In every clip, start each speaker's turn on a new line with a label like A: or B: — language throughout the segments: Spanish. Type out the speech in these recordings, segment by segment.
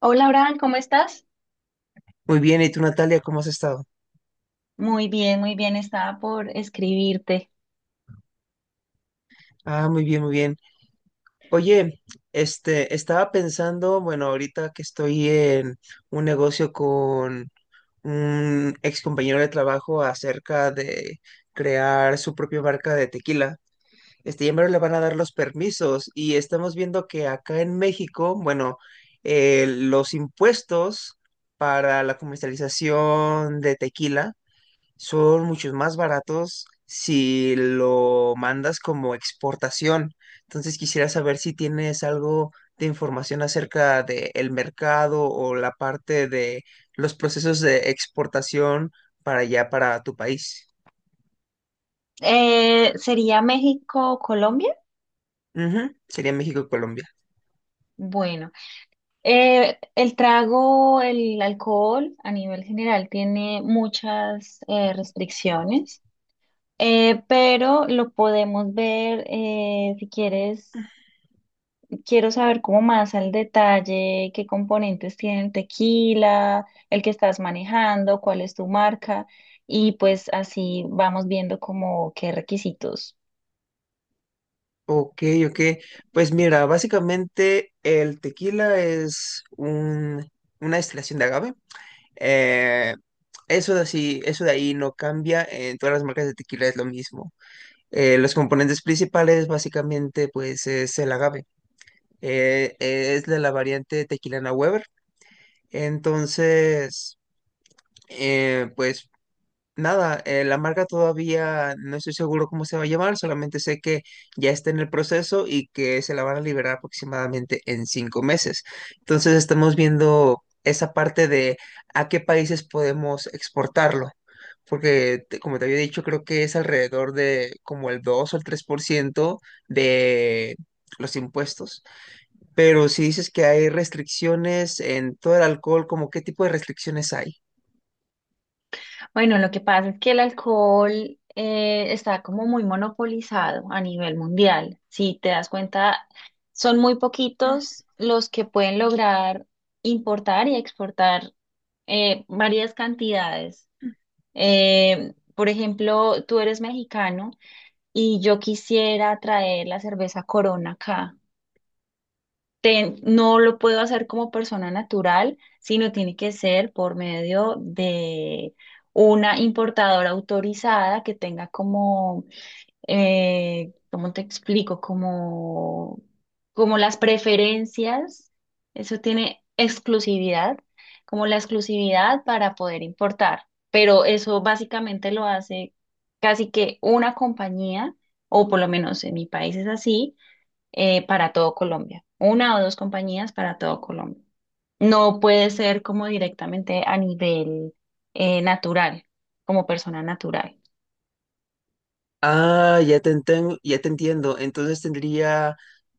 A: Hola, Abraham, ¿cómo estás?
B: Muy bien, ¿y tú, Natalia, cómo has estado?
A: Muy bien, estaba por escribirte.
B: Ah, muy bien, muy bien. Oye, estaba pensando, bueno, ahorita que estoy en un negocio con un ex compañero de trabajo acerca de crear su propia marca de tequila. Ya me le van a dar los permisos y estamos viendo que acá en México, bueno, los impuestos para la comercialización de tequila son muchos más baratos si lo mandas como exportación. Entonces quisiera saber si tienes algo de información acerca del mercado o la parte de los procesos de exportación para allá, para tu país.
A: ¿Sería México o Colombia?
B: Ujú, sería México y Colombia.
A: Bueno, el trago, el alcohol a nivel general tiene muchas restricciones, pero lo podemos ver si quieres. Quiero saber como más al detalle qué componentes tiene el tequila, el que estás manejando, cuál es tu marca y pues así vamos viendo como qué requisitos.
B: Ok, ok. Pues mira, básicamente el tequila una destilación de agave. Eh, eso de ahí no cambia, en todas las marcas de tequila es lo mismo. Los componentes principales básicamente pues es el agave. Es de la variante Tequilana Weber. Entonces, pues nada, la marca todavía no estoy seguro cómo se va a llamar, solamente sé que ya está en el proceso y que se la van a liberar aproximadamente en 5 meses. Entonces estamos viendo esa parte de a qué países podemos exportarlo porque como te había dicho, creo que es alrededor de como el 2 o el 3% de los impuestos. Pero si dices que hay restricciones en todo el alcohol, ¿como qué tipo de restricciones hay?
A: Bueno, lo que pasa es que el alcohol está como muy monopolizado a nivel mundial. Si te das cuenta, son muy poquitos los que pueden lograr importar y exportar varias cantidades. Por ejemplo, tú eres mexicano y yo quisiera traer la cerveza Corona acá. No lo puedo hacer como persona natural, sino tiene que ser por medio de una importadora autorizada que tenga como ¿cómo te explico? Como, como las preferencias, eso tiene exclusividad, como la exclusividad para poder importar, pero eso básicamente lo hace casi que una compañía, o por lo menos en mi país es así, para todo Colombia, una o dos compañías para todo Colombia. No puede ser como directamente a nivel natural, como persona natural.
B: Ah, ya te entiendo.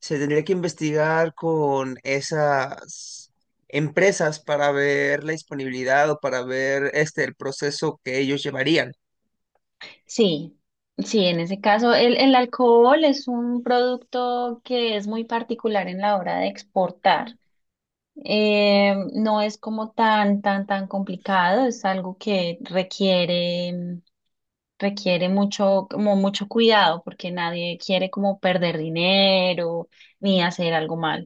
B: Se tendría que investigar con esas empresas para ver la disponibilidad o para ver este el proceso que ellos llevarían.
A: Sí, sí, en ese caso el alcohol es un producto que es muy particular en la hora de exportar. No es como tan, tan, tan complicado, es algo que requiere, mucho, como mucho cuidado porque nadie quiere como perder dinero ni hacer algo malo.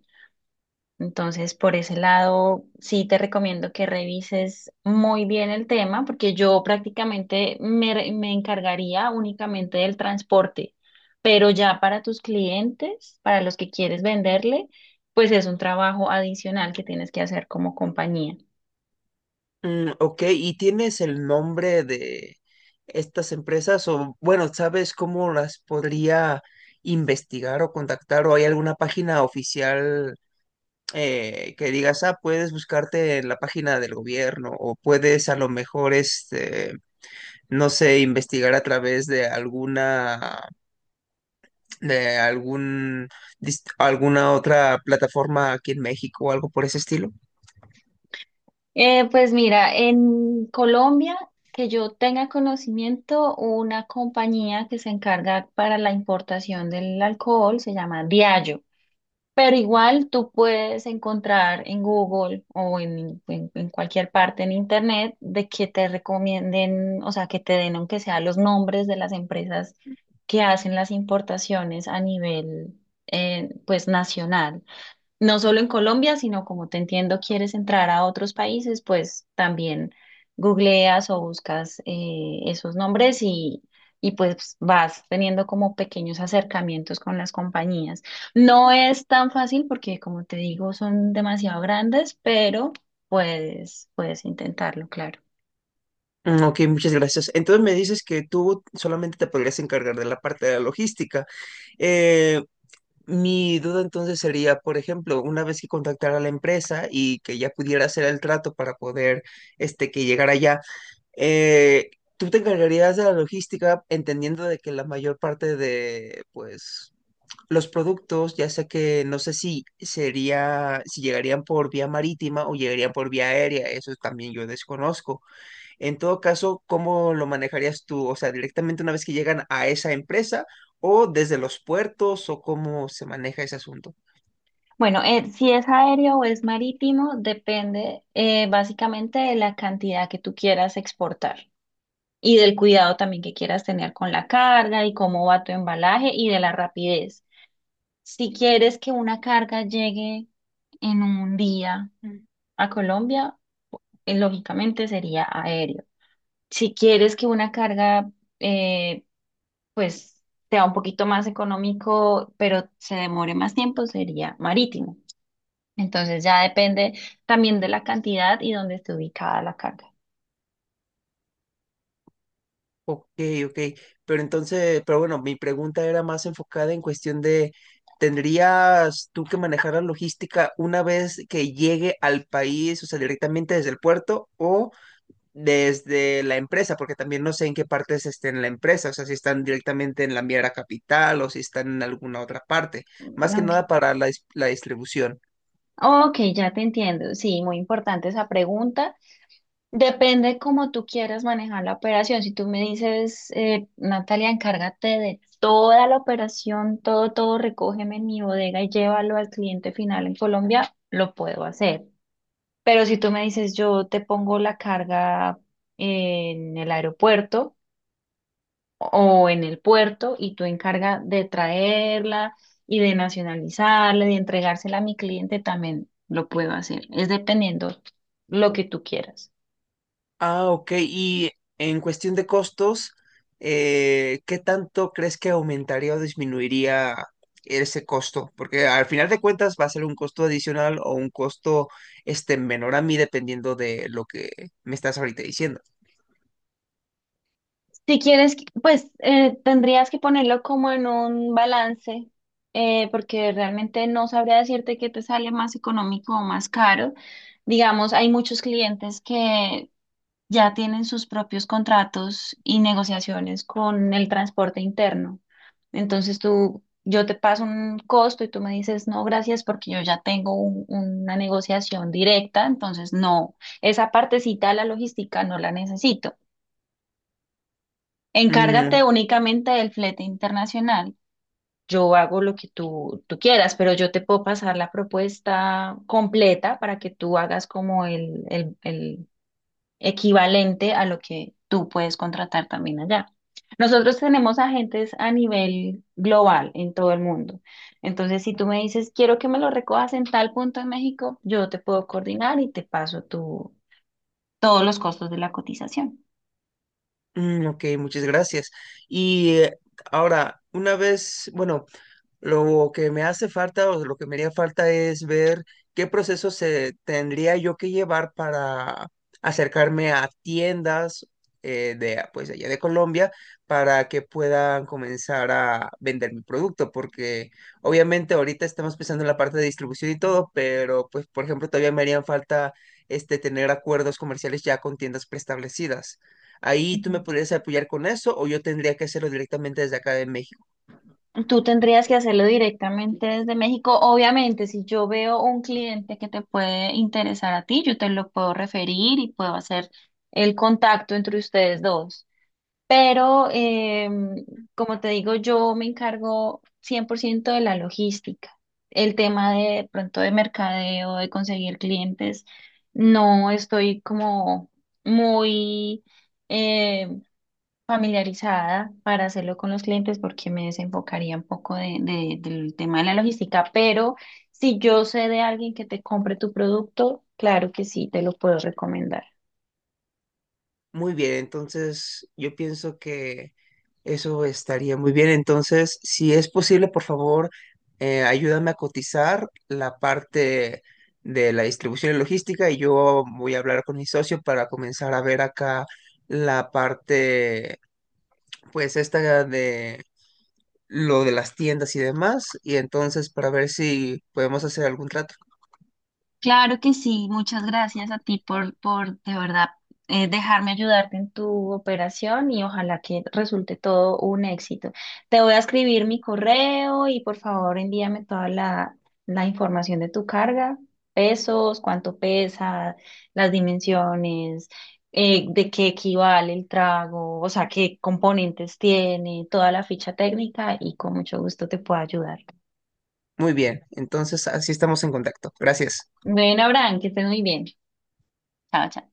A: Entonces, por ese lado, sí te recomiendo que revises muy bien el tema, porque yo prácticamente me encargaría únicamente del transporte, pero ya para tus clientes, para los que quieres venderle, pues es un trabajo adicional que tienes que hacer como compañía.
B: Mm, ok, ¿y tienes el nombre de estas empresas o, bueno, ¿sabes cómo las podría investigar o contactar o hay alguna página oficial que digas, ah, puedes buscarte en la página del gobierno o puedes a lo mejor, este, no sé, investigar a través de alguna, de algún, dis- alguna otra plataforma aquí en México o algo por ese estilo?
A: Pues mira, en Colombia, que yo tenga conocimiento, una compañía que se encarga para la importación del alcohol se llama Diageo. Pero igual tú puedes encontrar en Google o en cualquier parte en Internet de que te recomienden, o sea, que te den aunque sea los nombres de las empresas que hacen las importaciones a nivel, pues, nacional, no solo en Colombia, sino como te entiendo, quieres entrar a otros países, pues también googleas o buscas esos nombres y pues vas teniendo como pequeños acercamientos con las compañías. No es tan fácil porque, como te digo, son demasiado grandes, pero puedes intentarlo, claro.
B: Mm, ok, muchas gracias. Entonces me dices que tú solamente te podrías encargar de la parte de la logística. Eh, mi duda entonces sería, por ejemplo, una vez que contactara a la empresa y que ya pudiera hacer el trato para poder, este, que llegara allá, eh, ¿tú te encargarías de la logística entendiendo de que la mayor parte de, pues... Los productos, ya sea que no sé si sería, si llegarían por vía marítima o llegarían por vía aérea, eso también yo desconozco? En todo caso, ¿cómo lo manejarías tú? O sea, directamente una vez que llegan a esa empresa o desde los puertos o cómo se maneja ese asunto.
A: Bueno, si es aéreo o es marítimo, depende básicamente de la cantidad que tú quieras exportar, y del cuidado también que quieras tener con la carga y cómo va tu embalaje y de la rapidez. Si quieres que una carga llegue en un día a Colombia, lógicamente sería aéreo. Si quieres que una carga, eh, pues, sea un poquito más económico, pero se demore más tiempo, sería marítimo. Entonces ya depende también de la cantidad y dónde esté ubicada la carga.
B: Ok, ok. Pero entonces, pero bueno, mi pregunta era más enfocada en cuestión de, ¿tendrías tú que manejar la logística una vez que llegue al país, o sea, directamente desde el puerto o desde la empresa, porque también no sé en qué partes estén en la empresa, o sea, si están directamente en la Miera Capital o si están en alguna otra parte, más que
A: Ok,
B: nada para la distribución?
A: ok, ya te entiendo. Sí, muy importante esa pregunta. Depende cómo tú quieras manejar la operación. Si tú me dices, Natalia, encárgate de toda la operación, todo, todo, recógeme en mi bodega y llévalo al cliente final en Colombia, lo puedo hacer. Pero si tú me dices, yo te pongo la carga en el aeropuerto o en el puerto y tú encarga de traerla y de nacionalizarla, de entregársela a mi cliente, también lo puedo hacer. Es dependiendo lo que tú quieras.
B: Ah, ok, y en cuestión de costos, ¿qué tanto crees que aumentaría o disminuiría ese costo? Porque al final de cuentas va a ser un costo adicional o un costo este, menor a mí dependiendo de lo que me estás ahorita diciendo.
A: Si quieres, pues tendrías que ponerlo como en un balance, porque realmente no sabría decirte qué te sale más económico o más caro. Digamos, hay muchos clientes que ya tienen sus propios contratos y negociaciones con el transporte interno. Entonces tú, yo te paso un costo y tú me dices, no, gracias, porque yo ya tengo una negociación directa, entonces no, esa partecita de la logística no la necesito.
B: Mm.
A: Encárgate únicamente del flete internacional. Yo hago lo que tú quieras, pero yo te puedo pasar la propuesta completa para que tú hagas como el, el equivalente a lo que tú puedes contratar también allá. Nosotros tenemos agentes a nivel global en todo el mundo. Entonces, si tú me dices, quiero que me lo recojas en tal punto en México, yo te puedo coordinar y te paso todos los costos de la cotización.
B: Mm, ok, muchas gracias. Y ahora, una vez, bueno, lo que me hace falta o lo que me haría falta es ver qué proceso se tendría yo que llevar para acercarme a tiendas de, pues, allá de Colombia para que puedan comenzar a vender mi producto, porque obviamente ahorita estamos pensando en la parte de distribución y todo, pero pues por ejemplo todavía me harían falta este tener acuerdos comerciales ya con tiendas preestablecidas. Ahí tú
A: Ujú.
B: me podrías apoyar con eso o yo tendría que hacerlo directamente desde acá de México.
A: Tú tendrías que hacerlo directamente desde México. Obviamente, si yo veo un cliente que te puede interesar a ti, yo te lo puedo referir y puedo hacer el contacto entre ustedes dos. Pero, como te digo, yo me encargo 100% de la logística. El tema de pronto de mercadeo, de conseguir clientes, no estoy como muy eh, familiarizada para hacerlo con los clientes porque me desenfocaría un poco de, del tema de la logística, pero si yo sé de alguien que te compre tu producto, claro que sí, te lo puedo recomendar.
B: Muy bien, entonces yo pienso que eso estaría muy bien. Entonces, si es posible, por favor, ayúdame a cotizar la parte de la distribución y logística y yo voy a hablar con mi socio para comenzar a ver acá la parte, pues esta de lo de las tiendas y demás, y entonces para ver si podemos hacer algún trato.
A: Claro que sí, muchas gracias a ti por de verdad dejarme ayudarte en tu operación y ojalá que resulte todo un éxito. Te voy a escribir mi correo y por favor envíame toda la información de tu carga, pesos, cuánto pesa, las dimensiones, de qué equivale el trago, o sea, qué componentes tiene, toda la ficha técnica y con mucho gusto te puedo ayudar.
B: Muy bien, entonces así estamos en contacto. Gracias.
A: Bueno, Abraham, que estés muy bien. Chao, chao.